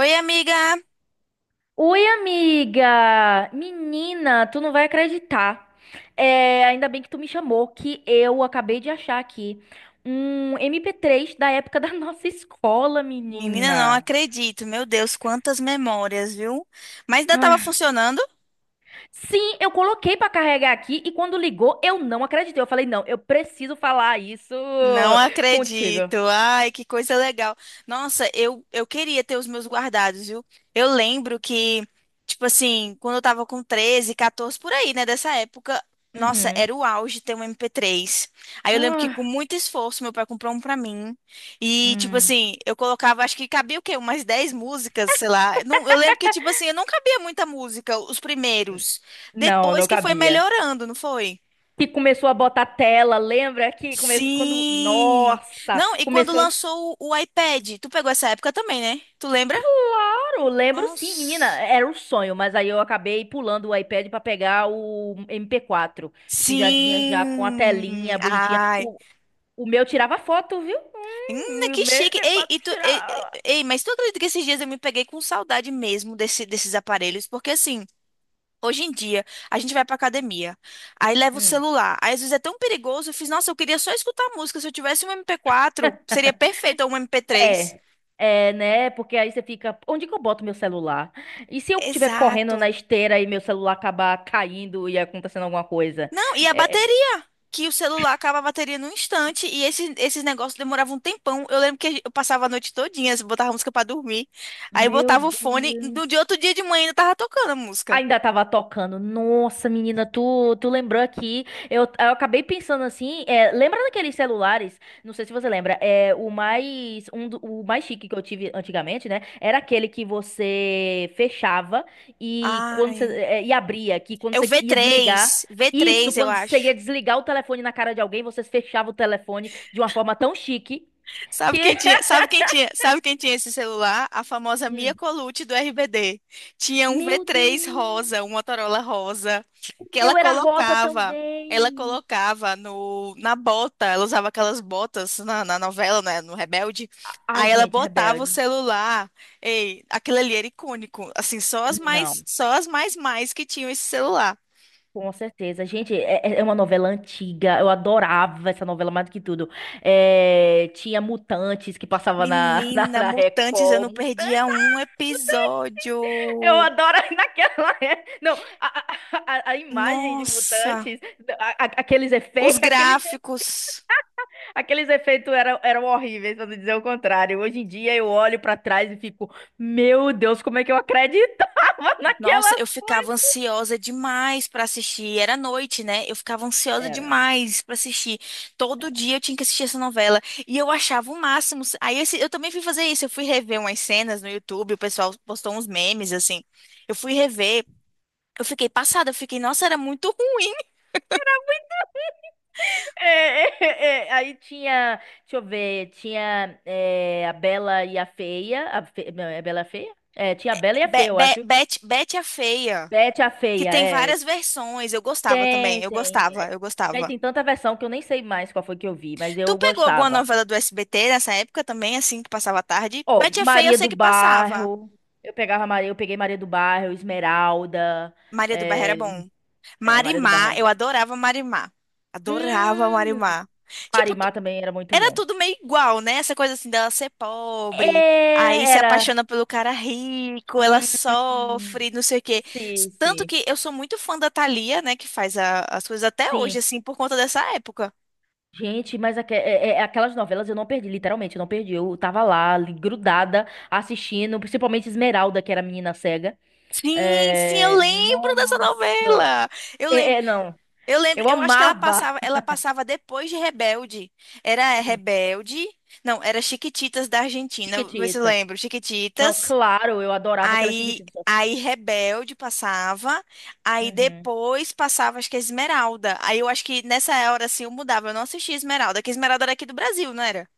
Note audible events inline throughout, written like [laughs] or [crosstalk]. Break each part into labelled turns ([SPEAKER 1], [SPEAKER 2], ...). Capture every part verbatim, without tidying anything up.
[SPEAKER 1] Oi, amiga!
[SPEAKER 2] Oi, amiga! Menina, tu não vai acreditar. É, ainda bem que tu me chamou, que eu acabei de achar aqui um mp três da época da [laughs] nossa escola,
[SPEAKER 1] Menina, não
[SPEAKER 2] menina.
[SPEAKER 1] acredito. Meu Deus, quantas memórias, viu? Mas ainda estava
[SPEAKER 2] Ai.
[SPEAKER 1] funcionando?
[SPEAKER 2] Sim, eu coloquei pra carregar aqui e quando ligou, eu não acreditei. Eu falei, não, eu preciso falar isso
[SPEAKER 1] Não
[SPEAKER 2] contigo.
[SPEAKER 1] acredito. Ai, que coisa legal. Nossa, eu, eu queria ter os meus guardados, viu? Eu lembro que, tipo assim, quando eu tava com treze, catorze, por aí, né, dessa época, nossa,
[SPEAKER 2] Uhum.
[SPEAKER 1] era o auge ter um M P três. Aí eu lembro que com
[SPEAKER 2] Ah,
[SPEAKER 1] muito esforço meu pai comprou um pra mim. E, tipo
[SPEAKER 2] hum.
[SPEAKER 1] assim, eu colocava, acho que cabia o quê? Umas dez músicas, sei lá. Não, eu lembro que, tipo assim, eu não cabia muita música, os
[SPEAKER 2] n-
[SPEAKER 1] primeiros.
[SPEAKER 2] Não,
[SPEAKER 1] Depois
[SPEAKER 2] não
[SPEAKER 1] que foi
[SPEAKER 2] cabia.
[SPEAKER 1] melhorando, não foi?
[SPEAKER 2] Que começou a botar tela, lembra que começou quando,
[SPEAKER 1] Sim!
[SPEAKER 2] nossa,
[SPEAKER 1] Não, e quando
[SPEAKER 2] começou.
[SPEAKER 1] lançou o, o iPad, tu pegou essa época também, né? Tu lembra?
[SPEAKER 2] Claro, lembro sim, menina,
[SPEAKER 1] Nossa!
[SPEAKER 2] era um sonho, mas aí eu acabei pulando o iPad pra pegar o M P quatro, que já vinha já com a
[SPEAKER 1] Sim!
[SPEAKER 2] telinha bonitinha.
[SPEAKER 1] Ai!
[SPEAKER 2] O, o meu tirava foto, viu?
[SPEAKER 1] Hum,
[SPEAKER 2] Hum, o meu
[SPEAKER 1] que chique! Ei,
[SPEAKER 2] M P quatro
[SPEAKER 1] e tu, ei, ei,
[SPEAKER 2] tirava.
[SPEAKER 1] ei, mas tu acredita que esses dias eu me peguei com saudade mesmo desse, desses aparelhos? Porque assim, hoje em dia, a gente vai pra academia, aí leva o
[SPEAKER 2] Hum.
[SPEAKER 1] celular, aí às vezes é tão perigoso, eu fiz, nossa, eu queria só escutar música, se eu tivesse um M P quatro, seria perfeito, ou um M P três.
[SPEAKER 2] É, é, né? Porque aí você fica, onde que eu boto meu celular? E se eu estiver correndo na
[SPEAKER 1] Exato.
[SPEAKER 2] esteira e meu celular acabar caindo e acontecendo alguma coisa?
[SPEAKER 1] Não, e a
[SPEAKER 2] É,
[SPEAKER 1] bateria? Que o celular acaba a bateria num instante e esses, esses negócios demoravam um tempão. Eu lembro que eu passava a noite todinha, assim, botava música pra dormir. Aí
[SPEAKER 2] meu
[SPEAKER 1] botava o fone, do
[SPEAKER 2] Deus.
[SPEAKER 1] de outro dia de manhã ainda tava tocando a música.
[SPEAKER 2] Ainda tava tocando. Nossa, menina, tu, tu lembrou aqui. Eu, eu acabei pensando assim. É, lembra daqueles celulares? Não sei se você lembra. É, o mais, um, do- o mais chique que eu tive antigamente, né? Era aquele que você fechava e quando você,
[SPEAKER 1] Ai,
[SPEAKER 2] é, e abria, que quando
[SPEAKER 1] é o
[SPEAKER 2] você
[SPEAKER 1] v
[SPEAKER 2] ia desligar.
[SPEAKER 1] três, v
[SPEAKER 2] Isso,
[SPEAKER 1] três eu
[SPEAKER 2] quando você ia
[SPEAKER 1] acho.
[SPEAKER 2] desligar o telefone na cara de alguém, você fechava o telefone de uma forma tão chique
[SPEAKER 1] Sabe
[SPEAKER 2] que.
[SPEAKER 1] quem tinha,
[SPEAKER 2] [laughs]
[SPEAKER 1] sabe quem tinha, sabe quem tinha esse celular? A famosa Mia
[SPEAKER 2] Hum.
[SPEAKER 1] Colucci do R B D. Tinha um v
[SPEAKER 2] Meu
[SPEAKER 1] três rosa, um
[SPEAKER 2] Deus!
[SPEAKER 1] Motorola rosa,
[SPEAKER 2] O
[SPEAKER 1] que ela
[SPEAKER 2] meu era rosa
[SPEAKER 1] colocava, ela
[SPEAKER 2] também.
[SPEAKER 1] colocava no, na bota, ela usava aquelas botas na, na novela, né, no Rebelde.
[SPEAKER 2] A- Ai,
[SPEAKER 1] Aí ela
[SPEAKER 2] gente,
[SPEAKER 1] botava o
[SPEAKER 2] rebelde.
[SPEAKER 1] celular. Ei, aquilo ali era icônico. Assim, só as mais,
[SPEAKER 2] Não,
[SPEAKER 1] só as mais mais que tinham esse celular.
[SPEAKER 2] com certeza. Gente, é, é é uma novela antiga. Eu adorava essa novela mais do que tudo. É, tinha Mutantes que passava na, [laughs] na,
[SPEAKER 1] Menina,
[SPEAKER 2] na
[SPEAKER 1] Mutantes, eu não
[SPEAKER 2] Record.
[SPEAKER 1] perdia
[SPEAKER 2] Mutantes, ah,
[SPEAKER 1] um
[SPEAKER 2] Mutantes, eu
[SPEAKER 1] episódio.
[SPEAKER 2] adoro [laughs] naquela. é, Não, a, a, a- a imagem de
[SPEAKER 1] Nossa.
[SPEAKER 2] Mutantes, a- a- aqueles
[SPEAKER 1] Os
[SPEAKER 2] efeitos, [laughs] aqueles,
[SPEAKER 1] gráficos.
[SPEAKER 2] aqueles efeitos eram, eram horríveis, pra não dizer o contrário. Hoje em dia eu olho pra trás e fico, meu Deus, como é que eu acreditava [laughs]
[SPEAKER 1] Nossa,
[SPEAKER 2] naquelas
[SPEAKER 1] eu ficava
[SPEAKER 2] coisas?
[SPEAKER 1] ansiosa demais para assistir. Era noite, né? Eu ficava ansiosa
[SPEAKER 2] Era.
[SPEAKER 1] demais para assistir. Todo dia eu tinha que assistir essa novela. E eu achava o máximo. Aí eu, eu também fui fazer isso. Eu fui rever umas cenas no YouTube. O pessoal postou uns memes, assim. Eu fui rever. Eu fiquei passada. Eu fiquei, nossa, era muito ruim.
[SPEAKER 2] É, é, é, É. Aí tinha, deixa eu ver, tinha é, a Bela e a Feia, a Fe- não, é a Bela e a Feia? É, tinha a Bela e a
[SPEAKER 1] Be-
[SPEAKER 2] Feia, eu
[SPEAKER 1] Be-
[SPEAKER 2] acho.
[SPEAKER 1] Bet, Bet a Feia.
[SPEAKER 2] Bete a
[SPEAKER 1] Que
[SPEAKER 2] Feia,
[SPEAKER 1] tem
[SPEAKER 2] é.
[SPEAKER 1] várias versões. Eu gostava
[SPEAKER 2] Tem,
[SPEAKER 1] também. Eu
[SPEAKER 2] tem.
[SPEAKER 1] gostava,
[SPEAKER 2] É,
[SPEAKER 1] eu
[SPEAKER 2] daí
[SPEAKER 1] gostava.
[SPEAKER 2] tem tanta versão que eu nem sei mais qual foi que eu vi, mas
[SPEAKER 1] Tu
[SPEAKER 2] eu
[SPEAKER 1] pegou alguma
[SPEAKER 2] gostava.
[SPEAKER 1] novela do S B T nessa época também, assim, que passava à tarde?
[SPEAKER 2] Ó,
[SPEAKER 1] Betty é Feia eu
[SPEAKER 2] Maria
[SPEAKER 1] sei
[SPEAKER 2] do
[SPEAKER 1] que passava.
[SPEAKER 2] Bairro, eu pegava Maria, eu peguei Maria do Bairro, Esmeralda,
[SPEAKER 1] Maria do Bairro era
[SPEAKER 2] é,
[SPEAKER 1] bom.
[SPEAKER 2] é, Maria do Bairro
[SPEAKER 1] Marimar,
[SPEAKER 2] era
[SPEAKER 1] eu
[SPEAKER 2] bom.
[SPEAKER 1] adorava Marimar. Adorava
[SPEAKER 2] Hum,
[SPEAKER 1] Marimar. Tipo, tu-
[SPEAKER 2] Marimar também era muito
[SPEAKER 1] era
[SPEAKER 2] bom.
[SPEAKER 1] tudo meio igual, né? Essa coisa assim dela ser
[SPEAKER 2] É,
[SPEAKER 1] pobre, aí se
[SPEAKER 2] era.
[SPEAKER 1] apaixona pelo cara rico, ela
[SPEAKER 2] Hum,
[SPEAKER 1] sofre, não sei o quê. S-
[SPEAKER 2] sim,
[SPEAKER 1] Tanto
[SPEAKER 2] sim.
[SPEAKER 1] que eu sou muito fã da Thalia, né, que faz a- as coisas até hoje,
[SPEAKER 2] Sim.
[SPEAKER 1] assim, por conta dessa época.
[SPEAKER 2] Gente, mas aque- é- é- é aquelas novelas eu não perdi, literalmente, eu não perdi. Eu tava lá, ali, grudada, assistindo, principalmente Esmeralda, que era a menina cega.
[SPEAKER 1] Sim, sim, eu
[SPEAKER 2] É,
[SPEAKER 1] lembro dessa
[SPEAKER 2] nossa.
[SPEAKER 1] novela. Eu
[SPEAKER 2] É,
[SPEAKER 1] lembro.
[SPEAKER 2] é, não.
[SPEAKER 1] Eu lembro,
[SPEAKER 2] Eu
[SPEAKER 1] eu acho que ela
[SPEAKER 2] amava.
[SPEAKER 1] passava, ela passava depois de Rebelde. Era
[SPEAKER 2] Sim,
[SPEAKER 1] Rebelde, não, era Chiquititas da Argentina, vê se eu
[SPEAKER 2] Chiquititas.
[SPEAKER 1] lembro,
[SPEAKER 2] Não,
[SPEAKER 1] Chiquititas.
[SPEAKER 2] claro, eu adorava aquelas
[SPEAKER 1] Aí,
[SPEAKER 2] Chiquititas.
[SPEAKER 1] aí Rebelde passava, aí
[SPEAKER 2] Uhum.
[SPEAKER 1] depois passava acho que Esmeralda. Aí eu acho que nessa hora assim eu mudava, eu não assistia Esmeralda, que Esmeralda era aqui do Brasil, não era?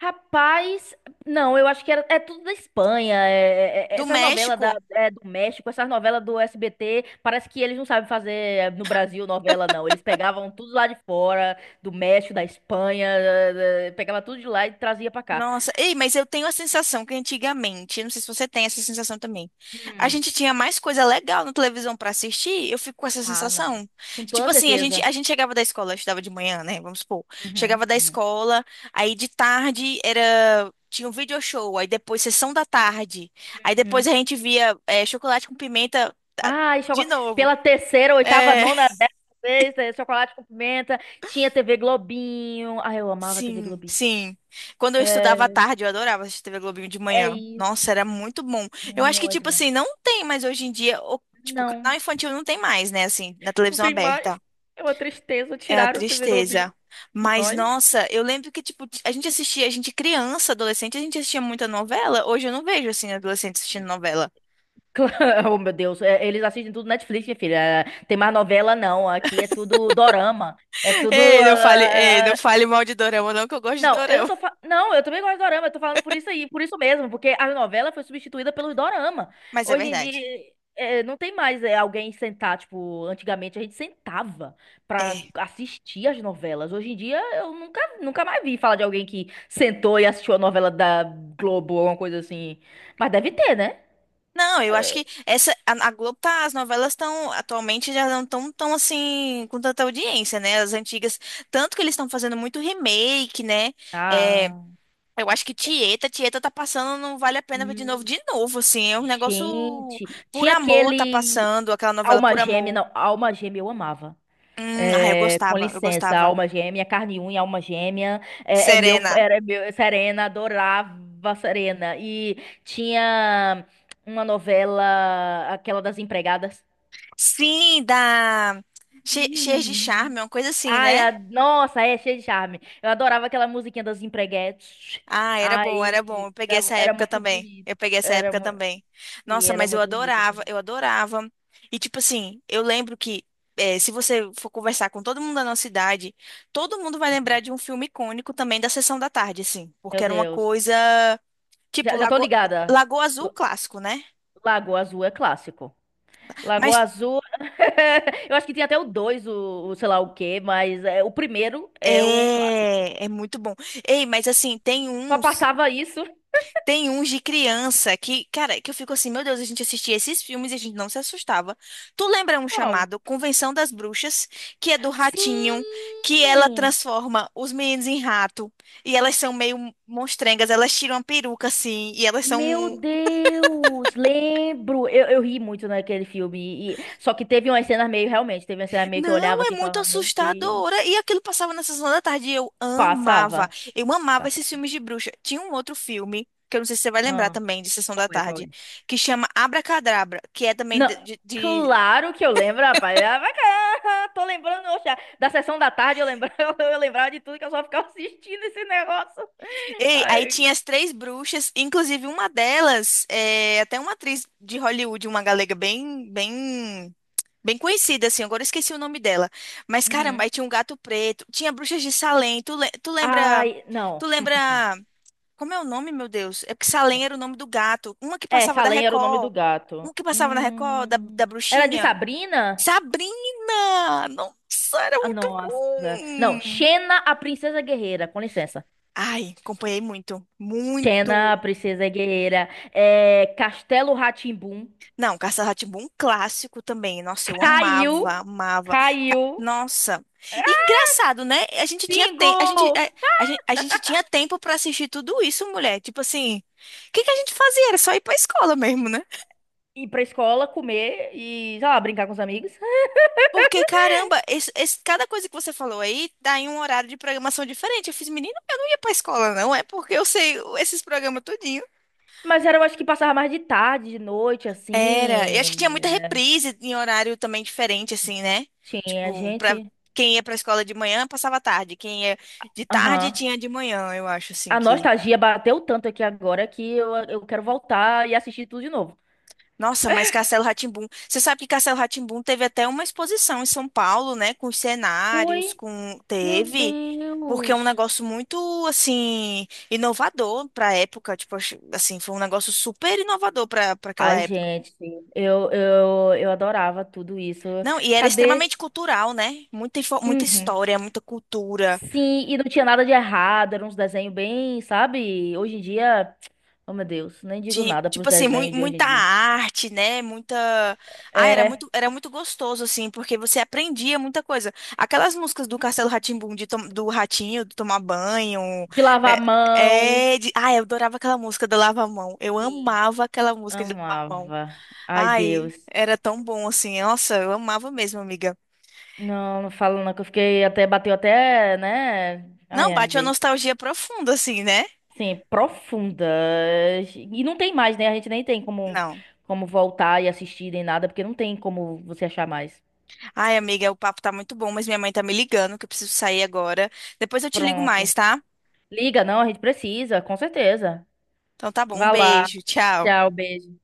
[SPEAKER 2] Rapaz, não, eu acho que era, é tudo da Espanha, é- é- é-
[SPEAKER 1] Do
[SPEAKER 2] essas novelas da,
[SPEAKER 1] México.
[SPEAKER 2] é, do México, essas novelas do S B T, parece que eles não sabem fazer eh, no Brasil novela, não. Eles pegavam tudo lá de fora, do México, da Espanha, eh, eh, pegava tudo de lá e trazia pra cá.
[SPEAKER 1] Nossa, ei, mas eu tenho a sensação que antigamente, não sei se você tem essa sensação também, a
[SPEAKER 2] Hum,
[SPEAKER 1] gente tinha mais coisa legal na televisão pra assistir, eu fico com essa
[SPEAKER 2] ah, não.
[SPEAKER 1] sensação.
[SPEAKER 2] Com
[SPEAKER 1] Tipo
[SPEAKER 2] toda
[SPEAKER 1] assim, a gente,
[SPEAKER 2] certeza.
[SPEAKER 1] a gente chegava da escola, eu estudava de manhã, né? Vamos supor.
[SPEAKER 2] Uhum,
[SPEAKER 1] Chegava da
[SPEAKER 2] uhum,
[SPEAKER 1] escola, aí de tarde era. Tinha um video show, aí depois sessão da tarde. Aí depois
[SPEAKER 2] uhum.
[SPEAKER 1] a gente via eh, chocolate com pimenta ah,
[SPEAKER 2] Ah, e
[SPEAKER 1] de
[SPEAKER 2] chocolate.
[SPEAKER 1] novo.
[SPEAKER 2] Pela terceira, oitava,
[SPEAKER 1] É,
[SPEAKER 2] nona, décima vez, eh, chocolate com pimenta, tinha T V Globinho. Ah, eu amava T V
[SPEAKER 1] sim,
[SPEAKER 2] Globinho.
[SPEAKER 1] sim. Quando eu estudava à
[SPEAKER 2] É,
[SPEAKER 1] tarde, eu adorava assistir T V Globinho de
[SPEAKER 2] é
[SPEAKER 1] manhã.
[SPEAKER 2] isso.
[SPEAKER 1] Nossa, era muito bom. Eu acho que,
[SPEAKER 2] Muito
[SPEAKER 1] tipo
[SPEAKER 2] bom.
[SPEAKER 1] assim, não tem mais hoje em dia, o- tipo,
[SPEAKER 2] Não.
[SPEAKER 1] canal infantil não tem mais, né, assim, na
[SPEAKER 2] Não
[SPEAKER 1] televisão
[SPEAKER 2] tem mais.
[SPEAKER 1] aberta.
[SPEAKER 2] É uma tristeza.
[SPEAKER 1] É uma
[SPEAKER 2] Tiraram o T V Globinho
[SPEAKER 1] tristeza.
[SPEAKER 2] de
[SPEAKER 1] Mas,
[SPEAKER 2] nós.
[SPEAKER 1] nossa, eu lembro que, tipo, a gente assistia, a gente criança, adolescente, a gente assistia muita novela. Hoje eu não vejo, assim, adolescente assistindo novela.
[SPEAKER 2] [laughs] Oh, meu Deus. É, eles assistem tudo Netflix, minha filha. É, tem mais novela, não. Aqui é tudo dorama. É
[SPEAKER 1] [laughs]
[SPEAKER 2] tudo.
[SPEAKER 1] Ei, não fale, ei, não
[SPEAKER 2] ah,
[SPEAKER 1] fale mal de dorama, não, que eu gosto de
[SPEAKER 2] Não, eu não
[SPEAKER 1] dorama.
[SPEAKER 2] tô fa... Não, eu também gosto de dorama, eu tô falando por isso aí, por isso mesmo, porque a novela foi substituída pelo dorama.
[SPEAKER 1] Mas é
[SPEAKER 2] Hoje em
[SPEAKER 1] verdade.
[SPEAKER 2] dia, é, não tem mais é, alguém sentar, tipo, antigamente a gente sentava pra
[SPEAKER 1] É.
[SPEAKER 2] assistir as novelas. Hoje em dia, eu nunca, nunca mais vi falar de alguém que sentou e assistiu a novela da Globo ou alguma coisa assim. Mas deve ter, né?
[SPEAKER 1] Não, eu acho que essa a, a Globo tá, as novelas estão atualmente já não estão tão tão, assim com tanta audiência, né? As antigas, tanto que eles estão fazendo muito remake, né? É,
[SPEAKER 2] Ah.
[SPEAKER 1] eu acho que
[SPEAKER 2] é,
[SPEAKER 1] Tieta, Tieta tá passando, não vale a pena ver de novo,
[SPEAKER 2] Hum,
[SPEAKER 1] de novo, assim, é um negócio
[SPEAKER 2] gente,
[SPEAKER 1] por
[SPEAKER 2] tinha
[SPEAKER 1] amor tá
[SPEAKER 2] aquele
[SPEAKER 1] passando, aquela novela
[SPEAKER 2] Alma
[SPEAKER 1] por
[SPEAKER 2] Gêmea,
[SPEAKER 1] amor.
[SPEAKER 2] não, Alma Gêmea eu amava.
[SPEAKER 1] Hum, ah, eu
[SPEAKER 2] Com
[SPEAKER 1] gostava, eu
[SPEAKER 2] licença,
[SPEAKER 1] gostava.
[SPEAKER 2] alma gêmea, carne e unha, alma gêmea, é, é meu,
[SPEAKER 1] Serena.
[SPEAKER 2] era meu, Serena, adorava Serena. E tinha uma novela, aquela das empregadas.
[SPEAKER 1] Sim, da Che- Cheia de
[SPEAKER 2] Hum.
[SPEAKER 1] Charme, uma coisa assim,
[SPEAKER 2] Ai,
[SPEAKER 1] né?
[SPEAKER 2] a- nossa, é cheio de charme. Eu adorava aquela musiquinha das empreguetes.
[SPEAKER 1] Ah, era bom, era bom.
[SPEAKER 2] Ai,
[SPEAKER 1] Eu peguei
[SPEAKER 2] era,
[SPEAKER 1] essa
[SPEAKER 2] era
[SPEAKER 1] época
[SPEAKER 2] muito
[SPEAKER 1] também.
[SPEAKER 2] bonito.
[SPEAKER 1] Eu peguei essa
[SPEAKER 2] Era,
[SPEAKER 1] época
[SPEAKER 2] mu-
[SPEAKER 1] também.
[SPEAKER 2] e
[SPEAKER 1] Nossa,
[SPEAKER 2] era
[SPEAKER 1] mas eu
[SPEAKER 2] muito bonito. Assim.
[SPEAKER 1] adorava, eu adorava. E tipo assim, eu lembro que eh, se você for conversar com todo mundo da nossa idade, todo mundo vai lembrar
[SPEAKER 2] Uhum.
[SPEAKER 1] de um filme icônico também da Sessão da Tarde, assim,
[SPEAKER 2] Meu
[SPEAKER 1] porque era uma
[SPEAKER 2] Deus.
[SPEAKER 1] coisa tipo
[SPEAKER 2] Já, já tô
[SPEAKER 1] Lago...
[SPEAKER 2] ligada.
[SPEAKER 1] Lagoa Azul clássico, né?
[SPEAKER 2] Lagoa Azul é clássico. Lagoa
[SPEAKER 1] Mas
[SPEAKER 2] Azul. [laughs] Eu acho que tinha até o dois, o, o sei lá o quê, mas é, o primeiro é o clássico.
[SPEAKER 1] é, é muito bom. Ei, mas assim, tem
[SPEAKER 2] Só
[SPEAKER 1] uns
[SPEAKER 2] passava isso.
[SPEAKER 1] tem uns de criança que, cara, que eu fico assim, meu Deus, a gente assistia esses filmes e a gente não se assustava. Tu lembra um
[SPEAKER 2] Qual?
[SPEAKER 1] chamado Convenção das Bruxas, que é do ratinho, que ela
[SPEAKER 2] Sim!
[SPEAKER 1] transforma os meninos em rato, e elas são meio monstrengas, elas tiram a peruca assim, e elas são.
[SPEAKER 2] Meu
[SPEAKER 1] Um
[SPEAKER 2] Deus, lembro. Eu, eu ri muito naquele filme. E- só que teve umas cenas meio, realmente, teve uma cena meio que eu olhava
[SPEAKER 1] Não, é
[SPEAKER 2] assim e
[SPEAKER 1] muito
[SPEAKER 2] falava, meu Deus.
[SPEAKER 1] assustadora. E aquilo passava na sessão da tarde e eu amava.
[SPEAKER 2] Passava.
[SPEAKER 1] Eu amava esses
[SPEAKER 2] Passava.
[SPEAKER 1] filmes de bruxa. Tinha um outro filme. Que eu não sei se você vai lembrar
[SPEAKER 2] Ah,
[SPEAKER 1] também, de Sessão
[SPEAKER 2] qual
[SPEAKER 1] da
[SPEAKER 2] é, qual é?
[SPEAKER 1] Tarde, que chama Abracadabra, que é também
[SPEAKER 2] Não,
[SPEAKER 1] de, de- de
[SPEAKER 2] claro que eu lembro, rapaz. Ah, vai cá, [laughs] tô lembrando, oxa, da sessão da tarde eu lembrava, [laughs] eu lembrava de tudo que eu só ficava assistindo esse negócio.
[SPEAKER 1] Ei, aí
[SPEAKER 2] Ai,
[SPEAKER 1] tinha as três bruxas, inclusive uma delas, é, até uma atriz de Hollywood, uma galega bem, bem, bem conhecida, assim, agora eu esqueci o nome dela. Mas caramba,
[SPEAKER 2] uhum.
[SPEAKER 1] aí tinha um gato preto, tinha bruxas de Salem, tu, le- tu lembra,
[SPEAKER 2] Ai,
[SPEAKER 1] tu
[SPEAKER 2] não. [laughs]
[SPEAKER 1] lembra, como é o nome, meu Deus? É porque Salem era o nome do gato, uma que
[SPEAKER 2] É,
[SPEAKER 1] passava da
[SPEAKER 2] Salem era o nome do
[SPEAKER 1] Record,
[SPEAKER 2] gato.
[SPEAKER 1] uma que passava na Record, da,
[SPEAKER 2] Hum,
[SPEAKER 1] da
[SPEAKER 2] era de
[SPEAKER 1] bruxinha,
[SPEAKER 2] Sabrina?
[SPEAKER 1] Sabrina! Nossa, era
[SPEAKER 2] Ah,
[SPEAKER 1] muito
[SPEAKER 2] nossa. Não,
[SPEAKER 1] bom!
[SPEAKER 2] Xena, a Princesa Guerreira. Com licença.
[SPEAKER 1] Ai, acompanhei muito,
[SPEAKER 2] Xena,
[SPEAKER 1] muito.
[SPEAKER 2] a Princesa Guerreira. É, Castelo rá.
[SPEAKER 1] Não, Castelo rá clássico também. Nossa, eu amava,
[SPEAKER 2] Caiu.
[SPEAKER 1] amava. Ca-
[SPEAKER 2] Caiu.
[SPEAKER 1] Nossa. E engraçado, né? A gente tinha tem,
[SPEAKER 2] Pingu!
[SPEAKER 1] a gente, a, a gente, a gente tinha tempo pra assistir tudo isso, mulher. Tipo assim, o que que a gente fazia? Era só ir pra escola mesmo, né?
[SPEAKER 2] Ir pra escola, comer e, sei lá, brincar com os amigos.
[SPEAKER 1] Porque, caramba, esse, esse- cada coisa que você falou aí tá em um horário de programação diferente. Eu fiz, menino, eu não ia pra escola, não. É porque eu sei esses programas tudinho.
[SPEAKER 2] Mas era, eu acho que passava mais de tarde, de noite,
[SPEAKER 1] Era. Eu acho que tinha
[SPEAKER 2] assim.
[SPEAKER 1] muita reprise em horário também diferente, assim, né?
[SPEAKER 2] Tinha
[SPEAKER 1] Tipo, pra
[SPEAKER 2] gente.
[SPEAKER 1] quem ia pra escola de manhã, passava a tarde. Quem ia de tarde,
[SPEAKER 2] Aham.
[SPEAKER 1] tinha de manhã, eu acho, assim,
[SPEAKER 2] A
[SPEAKER 1] que...
[SPEAKER 2] nostalgia bateu tanto aqui agora que eu, eu quero voltar e assistir tudo de novo.
[SPEAKER 1] Nossa, mas Castelo rá tim. Você sabe que Castelo rá tim teve até uma exposição em São Paulo, né? Com os cenários,
[SPEAKER 2] Foi,
[SPEAKER 1] com...
[SPEAKER 2] meu
[SPEAKER 1] Teve... Porque é um
[SPEAKER 2] Deus.
[SPEAKER 1] negócio muito, assim, inovador para a época. Tipo, acho- assim, foi um negócio super inovador para para aquela
[SPEAKER 2] Ai,
[SPEAKER 1] época.
[SPEAKER 2] gente, eu, eu, eu adorava tudo isso.
[SPEAKER 1] Não, e era
[SPEAKER 2] Cadê?
[SPEAKER 1] extremamente cultural, né? Muita, info- muita
[SPEAKER 2] Uhum.
[SPEAKER 1] história, muita cultura.
[SPEAKER 2] Sim, e não tinha nada de errado, era uns desenhos bem, sabe? Hoje em dia, oh meu Deus, nem digo
[SPEAKER 1] Ti-
[SPEAKER 2] nada pros
[SPEAKER 1] Tipo assim, mui-
[SPEAKER 2] desenhos de hoje em
[SPEAKER 1] muita
[SPEAKER 2] dia.
[SPEAKER 1] arte, né? Muita. Ah, era muito,
[SPEAKER 2] É,
[SPEAKER 1] era muito gostoso, assim, porque você aprendia muita coisa. Aquelas músicas do Castelo rá tim do Ratinho, do Tomar Banho.
[SPEAKER 2] de lavar a mão.
[SPEAKER 1] É, é de... Ah, eu adorava aquela música do Lava a Mão. Eu
[SPEAKER 2] Sim.
[SPEAKER 1] amava aquela música de Lava a Mão.
[SPEAKER 2] Amava. Ai,
[SPEAKER 1] Ai,
[SPEAKER 2] Deus.
[SPEAKER 1] era tão bom, assim. Nossa, eu amava mesmo, amiga.
[SPEAKER 2] Não, não falo não, que eu fiquei até, bateu até, né?
[SPEAKER 1] Não,
[SPEAKER 2] Ai, ai,
[SPEAKER 1] bate uma
[SPEAKER 2] gente.
[SPEAKER 1] nostalgia profunda, assim, né?
[SPEAKER 2] Sim, profunda. E não tem mais, né? A gente nem tem como,
[SPEAKER 1] Não.
[SPEAKER 2] como voltar e assistir nem nada, porque não tem como você achar mais.
[SPEAKER 1] Ai, amiga, o papo tá muito bom, mas minha mãe tá me ligando, que eu preciso sair agora. Depois eu te ligo
[SPEAKER 2] Pronto.
[SPEAKER 1] mais, tá?
[SPEAKER 2] Liga, não, a gente precisa, com certeza.
[SPEAKER 1] Então tá bom, um
[SPEAKER 2] Vá lá.
[SPEAKER 1] beijo, tchau.
[SPEAKER 2] Tchau, beijo.